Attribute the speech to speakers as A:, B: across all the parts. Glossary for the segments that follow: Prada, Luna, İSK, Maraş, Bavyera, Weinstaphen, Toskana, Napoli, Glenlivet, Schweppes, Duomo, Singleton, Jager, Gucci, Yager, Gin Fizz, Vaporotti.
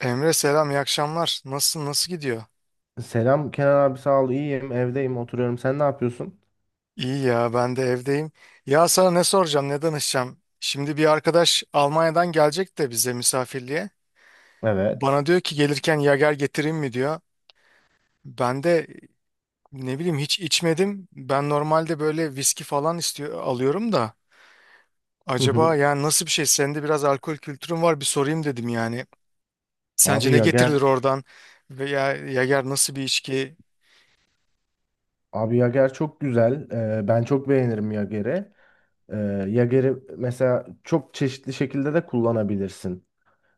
A: Emre selam, iyi akşamlar. Nasılsın, nasıl gidiyor?
B: Selam Kenan abi, sağ ol, iyiyim, evdeyim, oturuyorum. Sen ne yapıyorsun?
A: İyi ya, ben de evdeyim. Ya sana ne soracağım, ne danışacağım? Şimdi bir arkadaş Almanya'dan gelecek de bize misafirliğe.
B: Evet.
A: Bana diyor ki gelirken yager getireyim mi diyor. Ben de ne bileyim, hiç içmedim. Ben normalde böyle viski falan istiyor, alıyorum da.
B: Hı hı.
A: Acaba yani nasıl bir şey? Senin de biraz alkol kültürün var, bir sorayım dedim yani. Sence
B: Abi
A: ne
B: Yager.
A: getirilir oradan? Veya yager nasıl bir içki?
B: Abi Yager çok güzel. Ben çok beğenirim Yager'i. Ee, Yager'i mesela çok çeşitli şekilde de kullanabilirsin.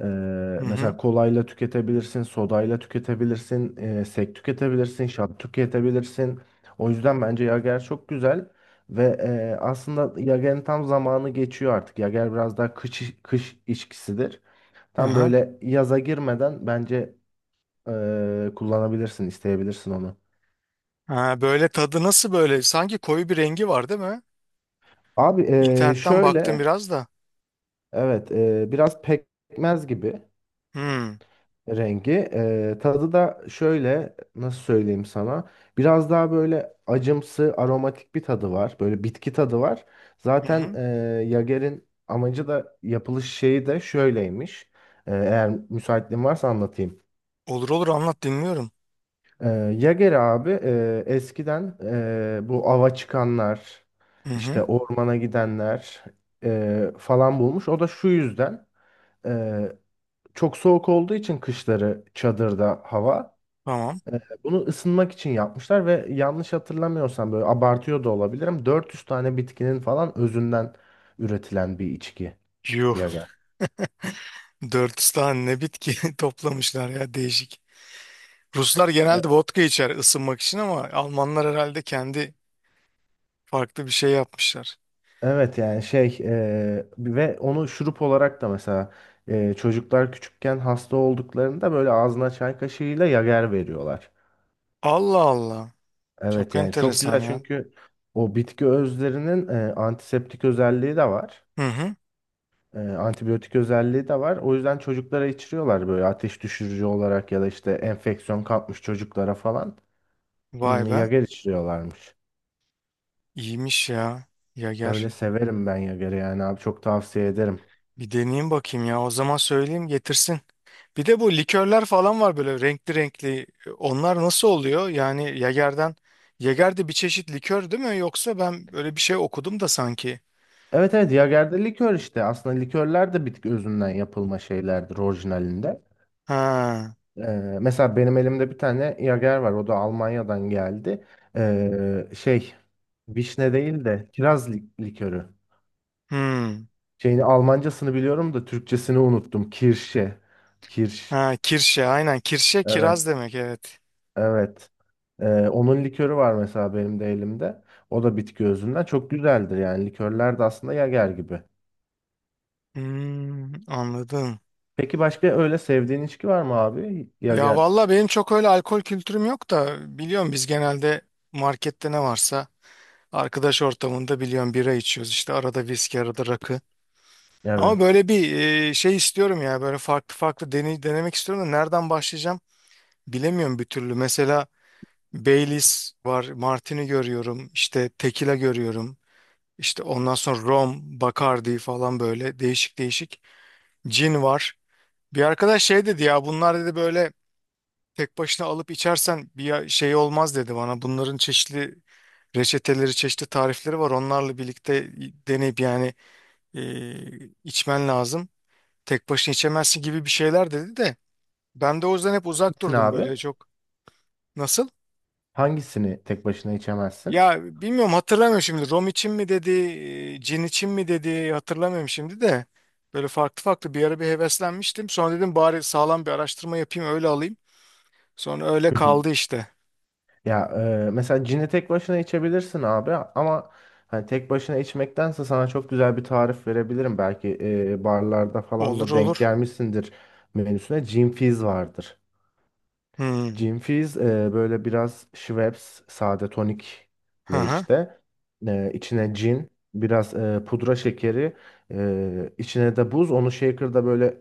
B: Ee,
A: Hı hı.
B: mesela kolayla tüketebilirsin, sodayla tüketebilirsin, sek tüketebilirsin, şat tüketebilirsin. O yüzden bence Yager çok güzel. Ve aslında Yager'in tam zamanı geçiyor artık. Yager biraz daha kış içkisidir. Tam
A: Aha.
B: böyle yaza girmeden bence kullanabilirsin, isteyebilirsin onu.
A: Ha, böyle tadı nasıl böyle? Sanki koyu bir rengi var, değil mi?
B: Abi
A: İnternetten baktım
B: şöyle,
A: biraz da.
B: evet, biraz pekmez gibi
A: Hmm.
B: rengi. Tadı da şöyle, nasıl söyleyeyim sana? Biraz daha böyle acımsı, aromatik bir tadı var. Böyle bitki tadı var.
A: Hı
B: Zaten
A: hı.
B: Jager'in amacı da yapılış şeyi de şöyleymiş. Eğer müsaitliğin varsa anlatayım.
A: Olur olur, anlat, dinliyorum.
B: Ee, Yager abi, eskiden bu ava çıkanlar,
A: Hı
B: işte
A: hı.
B: ormana gidenler falan bulmuş. O da şu yüzden, e, çok soğuk olduğu için kışları çadırda hava,
A: Tamam.
B: bunu ısınmak için yapmışlar. Ve yanlış hatırlamıyorsam, böyle abartıyor da olabilirim, 400 tane bitkinin falan özünden üretilen bir içki
A: Yuh.
B: Yager.
A: Dört tane ne bitki toplamışlar ya, değişik. Ruslar genelde vodka içer ısınmak için, ama Almanlar herhalde kendi farklı bir şey yapmışlar.
B: Evet yani ve onu şurup olarak da mesela, çocuklar küçükken hasta olduklarında böyle ağzına çay kaşığıyla yager veriyorlar.
A: Allah Allah. Çok
B: Evet yani çok
A: enteresan
B: güzel,
A: ya.
B: çünkü o bitki özlerinin antiseptik özelliği de var.
A: Hı hı.
B: Antibiyotik özelliği de var. O yüzden çocuklara içiriyorlar böyle ateş düşürücü olarak, ya da işte enfeksiyon kapmış çocuklara falan.
A: Vay
B: Hmm,
A: be.
B: yager içiriyorlarmış.
A: İyiymiş ya. Yager.
B: Öyle severim ben yageri yani abi, çok tavsiye ederim.
A: Bir deneyeyim bakayım ya. O zaman söyleyeyim getirsin. Bir de bu likörler falan var böyle renkli renkli. Onlar nasıl oluyor? Yani Yager'den, Yager de bir çeşit likör değil mi? Yoksa ben böyle bir şey okudum da sanki.
B: Evet evet, Jager'de likör işte. Aslında likörler de bitki özünden yapılma şeylerdir orijinalinde.
A: Ha.
B: Ee, mesela benim elimde bir tane Jager var. O da Almanya'dan geldi. Şey, vişne değil de kiraz likörü.
A: Hmm.
B: Şeyini Almancasını biliyorum da Türkçesini unuttum. Kirşe. Kirş.
A: Ha, kirşe aynen. Kirşe
B: Evet.
A: kiraz demek, evet.
B: Evet. Onun likörü var mesela benim de elimde. O da bitki özünden. Çok güzeldir yani. Likörler de aslında Jager gibi.
A: Hmm, anladım.
B: Peki başka öyle sevdiğin içki var mı abi?
A: Ya
B: Jager.
A: valla benim çok öyle alkol kültürüm yok da, biliyorum biz genelde markette ne varsa arkadaş ortamında, biliyorum, bira içiyoruz, işte arada viski, arada rakı. Ama
B: Evet.
A: böyle bir şey istiyorum ya, böyle farklı farklı deney, denemek istiyorum da nereden başlayacağım bilemiyorum bir türlü. Mesela Baileys var, Martini görüyorum, işte Tequila görüyorum, işte ondan sonra Rom, Bacardi falan, böyle değişik değişik. Gin var. Bir arkadaş şey dedi ya, bunlar dedi, böyle tek başına alıp içersen şey olmaz dedi bana. Bunların çeşitli reçeteleri, çeşitli tarifleri var. Onlarla birlikte deneyip yani, e, içmen lazım. Tek başına içemezsin gibi bir şeyler dedi de, ben de o yüzden hep uzak
B: Gitsin
A: durdum
B: abi.
A: böyle çok. Nasıl?
B: Hangisini tek başına içemezsin?
A: Ya bilmiyorum, hatırlamıyorum şimdi, rom için mi dedi, cin için mi dedi, hatırlamıyorum şimdi de. Böyle farklı farklı bir ara bir heveslenmiştim. Sonra dedim bari sağlam bir araştırma yapayım, öyle alayım. Sonra öyle
B: Hı hı.
A: kaldı işte.
B: Ya Mesela cini tek başına içebilirsin abi, ama hani tek başına içmektense sana çok güzel bir tarif verebilirim. Belki barlarda falan
A: Olur
B: da denk
A: olur.
B: gelmişsindir menüsüne. Gin Fizz vardır.
A: Hmm.
B: Gin Fizz, böyle biraz Schweppes sade
A: Hı
B: tonikle,
A: hı.
B: işte içine cin, biraz pudra şekeri, içine de buz. Onu shaker'da böyle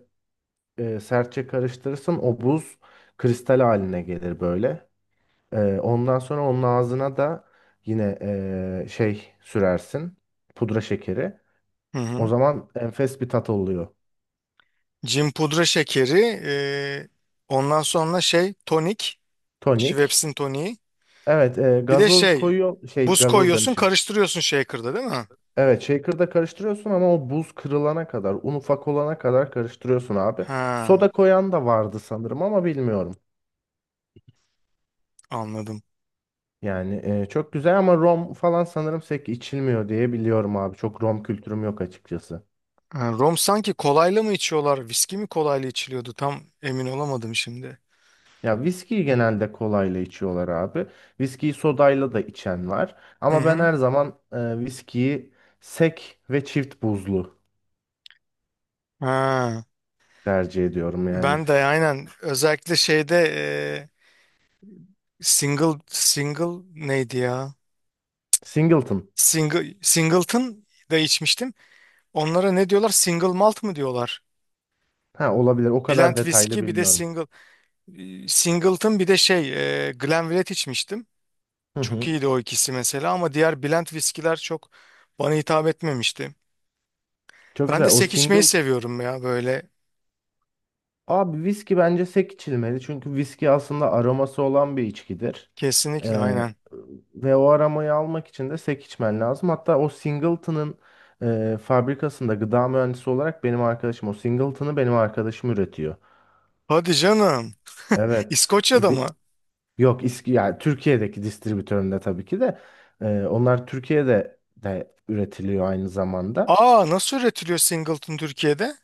B: sertçe karıştırırsın, o buz kristal haline gelir böyle. E, ondan sonra onun ağzına da yine şey sürersin, pudra şekeri.
A: Hı
B: O
A: hı.
B: zaman enfes bir tat oluyor.
A: Cin, pudra şekeri, ondan sonra şey, tonik,
B: Tonik.
A: Schweppes'in toniği.
B: Evet,
A: Bir de
B: gazoz
A: şey,
B: koyuyor, şey,
A: buz
B: gazoz
A: koyuyorsun,
B: demişim.
A: karıştırıyorsun shaker'da, değil mi?
B: Evet, shaker'da karıştırıyorsun, ama o buz kırılana kadar, un ufak olana kadar karıştırıyorsun abi.
A: Ha,
B: Soda koyan da vardı sanırım, ama bilmiyorum.
A: anladım.
B: Yani çok güzel, ama rom falan sanırım pek içilmiyor diye biliyorum abi. Çok rom kültürüm yok açıkçası.
A: Ha, rom sanki kolayla mı içiyorlar? Viski mi kolayla içiliyordu? Tam emin olamadım şimdi.
B: Ya, viskiyi genelde kolayla içiyorlar abi. Viskiyi sodayla da içen var.
A: Hı
B: Ama ben
A: hı.
B: her zaman viskiyi sek ve çift buzlu
A: Ha,
B: tercih ediyorum yani.
A: ben de aynen, özellikle şeyde, single single neydi ya?
B: Singleton.
A: Single Singleton da içmiştim. Onlara ne diyorlar? Single malt mı diyorlar?
B: Ha, olabilir. O
A: Blend
B: kadar detaylı
A: viski bir de
B: bilmiyorum.
A: single, Singleton, bir de şey, Glenlivet içmiştim.
B: Hı
A: Çok
B: hı.
A: iyiydi o ikisi mesela, ama diğer blend viskiler çok bana hitap etmemişti.
B: Çok
A: Ben
B: güzel.
A: de
B: O
A: sek içmeyi
B: single.
A: seviyorum ya böyle.
B: Abi, viski bence sek içilmeli. Çünkü viski aslında aroması olan bir içkidir.
A: Kesinlikle
B: Ee,
A: aynen.
B: ve o aromayı almak için de sek içmen lazım. Hatta o Singleton'ın fabrikasında gıda mühendisi olarak benim arkadaşım o Singleton'ı benim arkadaşım üretiyor.
A: Hadi canım.
B: Evet.
A: İskoçya'da mı?
B: Yok, İSK, yani Türkiye'deki distribütöründe tabii ki de onlar Türkiye'de de üretiliyor aynı zamanda.
A: Aa, nasıl üretiliyor Singleton Türkiye'de?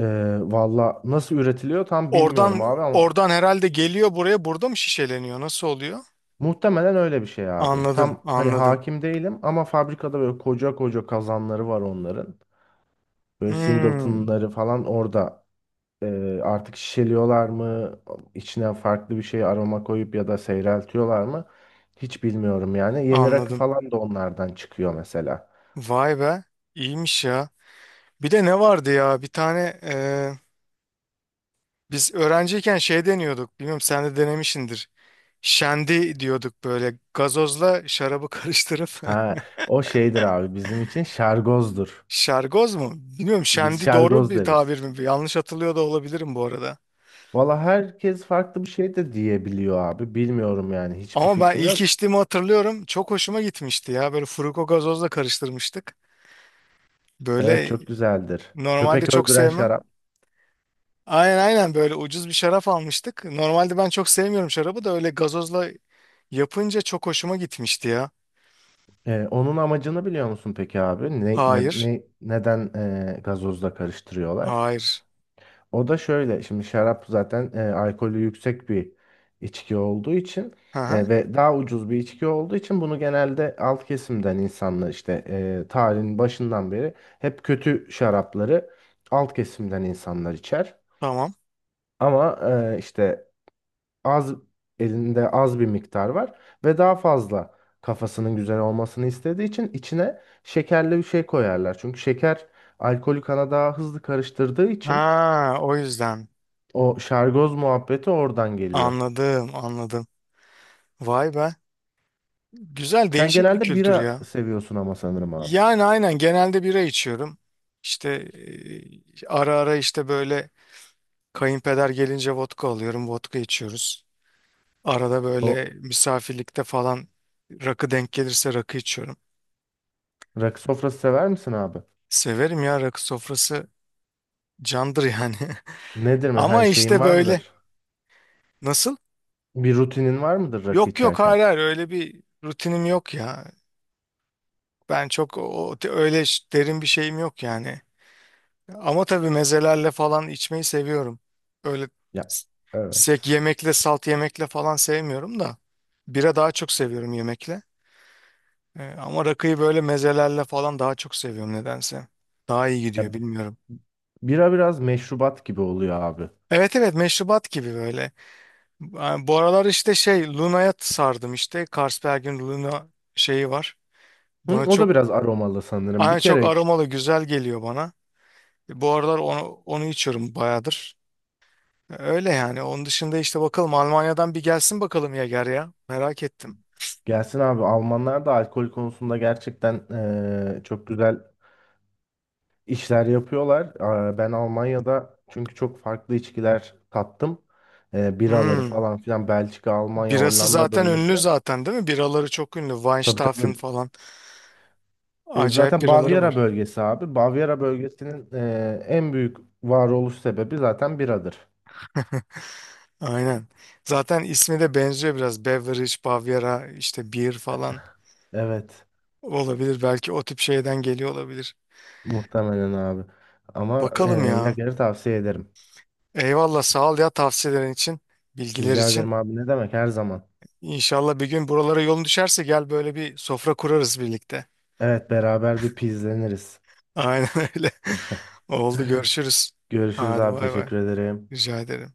B: E, valla nasıl üretiliyor tam bilmiyorum
A: Oradan,
B: abi, ama
A: oradan herhalde geliyor buraya, burada mı şişeleniyor? Nasıl oluyor?
B: muhtemelen öyle bir şey abi.
A: Anladım
B: Tam hani
A: anladım.
B: hakim değilim, ama fabrikada böyle koca koca kazanları var onların. Böyle
A: Hmm,
B: singletonları falan orada artık şişeliyorlar mı? İçine farklı bir şey aroma koyup ya da seyreltiyorlar mı? Hiç bilmiyorum yani. Yeni rakı
A: anladım.
B: falan da onlardan çıkıyor mesela.
A: Vay be, iyiymiş ya. Bir de ne vardı ya, bir tane biz öğrenciyken şey deniyorduk. Bilmiyorum, sen de denemişsindir. Şendi diyorduk, böyle gazozla şarabı karıştırıp.
B: Ha, o şeydir abi, bizim için şargozdur.
A: Şergoz mu? Bilmiyorum,
B: Biz
A: şendi doğru
B: şargoz
A: bir
B: deriz.
A: tabir mi? Yanlış hatırlıyor da olabilirim bu arada.
B: Valla herkes farklı bir şey de diyebiliyor abi. Bilmiyorum yani, hiçbir
A: Ama ben
B: fikrim
A: ilk
B: yok.
A: içtiğimi hatırlıyorum. Çok hoşuma gitmişti ya. Böyle furuko gazozla karıştırmıştık.
B: Evet
A: Böyle
B: çok güzeldir.
A: normalde
B: Köpek
A: çok
B: öldüren
A: sevmem.
B: şarap.
A: Aynen aynen, böyle ucuz bir şarap almıştık. Normalde ben çok sevmiyorum şarabı da, öyle gazozla yapınca çok hoşuma gitmişti ya.
B: Onun amacını biliyor musun peki abi?
A: Hayır.
B: Neden gazozla karıştırıyorlar?
A: Hayır.
B: O da şöyle. Şimdi şarap zaten alkolü yüksek bir içki olduğu için,
A: Hı hı.
B: ve daha ucuz bir içki olduğu için bunu genelde alt kesimden insanlar, işte, tarihin başından beri hep kötü şarapları alt kesimden insanlar içer.
A: Tamam.
B: Ama işte az elinde az bir miktar var ve daha fazla kafasının güzel olmasını istediği için içine şekerli bir şey koyarlar. Çünkü şeker alkolü kana daha hızlı karıştırdığı için
A: Ha, o yüzden.
B: o şargoz muhabbeti oradan geliyor.
A: Anladım anladım. Vay be. Güzel,
B: Sen
A: değişik bir
B: genelde
A: kültür
B: bira
A: ya.
B: seviyorsun ama sanırım abi.
A: Yani aynen, genelde bira içiyorum. İşte ara ara, işte böyle kayınpeder gelince vodka alıyorum, vodka içiyoruz. Arada
B: O
A: böyle misafirlikte falan rakı denk gelirse rakı içiyorum.
B: rakı sofrası sever misin abi?
A: Severim ya, rakı sofrası candır yani.
B: Nedir mesela,
A: Ama
B: hani şeyin
A: işte
B: var
A: böyle,
B: mıdır?
A: nasıl?
B: Bir rutinin var mıdır rakı
A: Yok yok,
B: içerken?
A: hayır hayır, öyle bir rutinim yok ya. Ben çok o, öyle derin bir şeyim yok yani. Ama tabii mezelerle falan içmeyi seviyorum. Öyle
B: Ya
A: s- sek
B: evet.
A: yemekle, salt yemekle falan sevmiyorum da. Bira daha çok seviyorum yemekle. Ama rakıyı böyle mezelerle falan daha çok seviyorum nedense. Daha iyi
B: Ya,
A: gidiyor, bilmiyorum.
B: bira biraz meşrubat gibi oluyor abi.
A: Evet evet, meşrubat gibi böyle. Yani bu aralar işte şey, Luna'ya sardım işte. Carlsberg'in Luna şeyi var.
B: Hı,
A: Bana
B: o da
A: çok
B: biraz aromalı sanırım. Bir
A: aynı, çok
B: kere iç.
A: aromalı, güzel geliyor bana. Bu aralar onu, onu içiyorum bayağıdır. Öyle yani. Onun dışında işte bakalım, Almanya'dan bir gelsin bakalım Yager ya. Merak ettim.
B: Gelsin abi, Almanlar da alkol konusunda gerçekten çok güzel işler yapıyorlar. Aa, ben Almanya'da çünkü çok farklı içkiler tattım. Biraları
A: Hmm.
B: falan filan, Belçika, Almanya,
A: Birası
B: Hollanda
A: zaten ünlü
B: bölgesi.
A: zaten, değil mi? Biraları çok ünlü.
B: Tabii
A: Weinstaphen
B: tabii.
A: falan. Acayip
B: Zaten
A: biraları
B: Bavyera
A: var.
B: bölgesi abi. Bavyera bölgesinin en büyük varoluş sebebi zaten biradır.
A: Aynen. Zaten ismi de benziyor biraz. Beverage, Bavyera, işte beer falan
B: Evet,
A: olabilir. Belki o tip şeyden geliyor olabilir.
B: muhtemelen abi. Ama
A: Bakalım ya.
B: Yager'i tavsiye ederim.
A: Eyvallah, sağ ol ya tavsiyelerin için, bilgiler
B: Rica
A: için.
B: ederim abi, ne demek, her zaman.
A: İnşallah bir gün buralara yolun düşerse gel, böyle bir sofra kurarız birlikte.
B: Evet, beraber bir pizleniriz.
A: Aynen öyle. Oldu, görüşürüz.
B: Görüşürüz
A: Hadi
B: abi,
A: bay bay.
B: teşekkür ederim.
A: Rica ederim.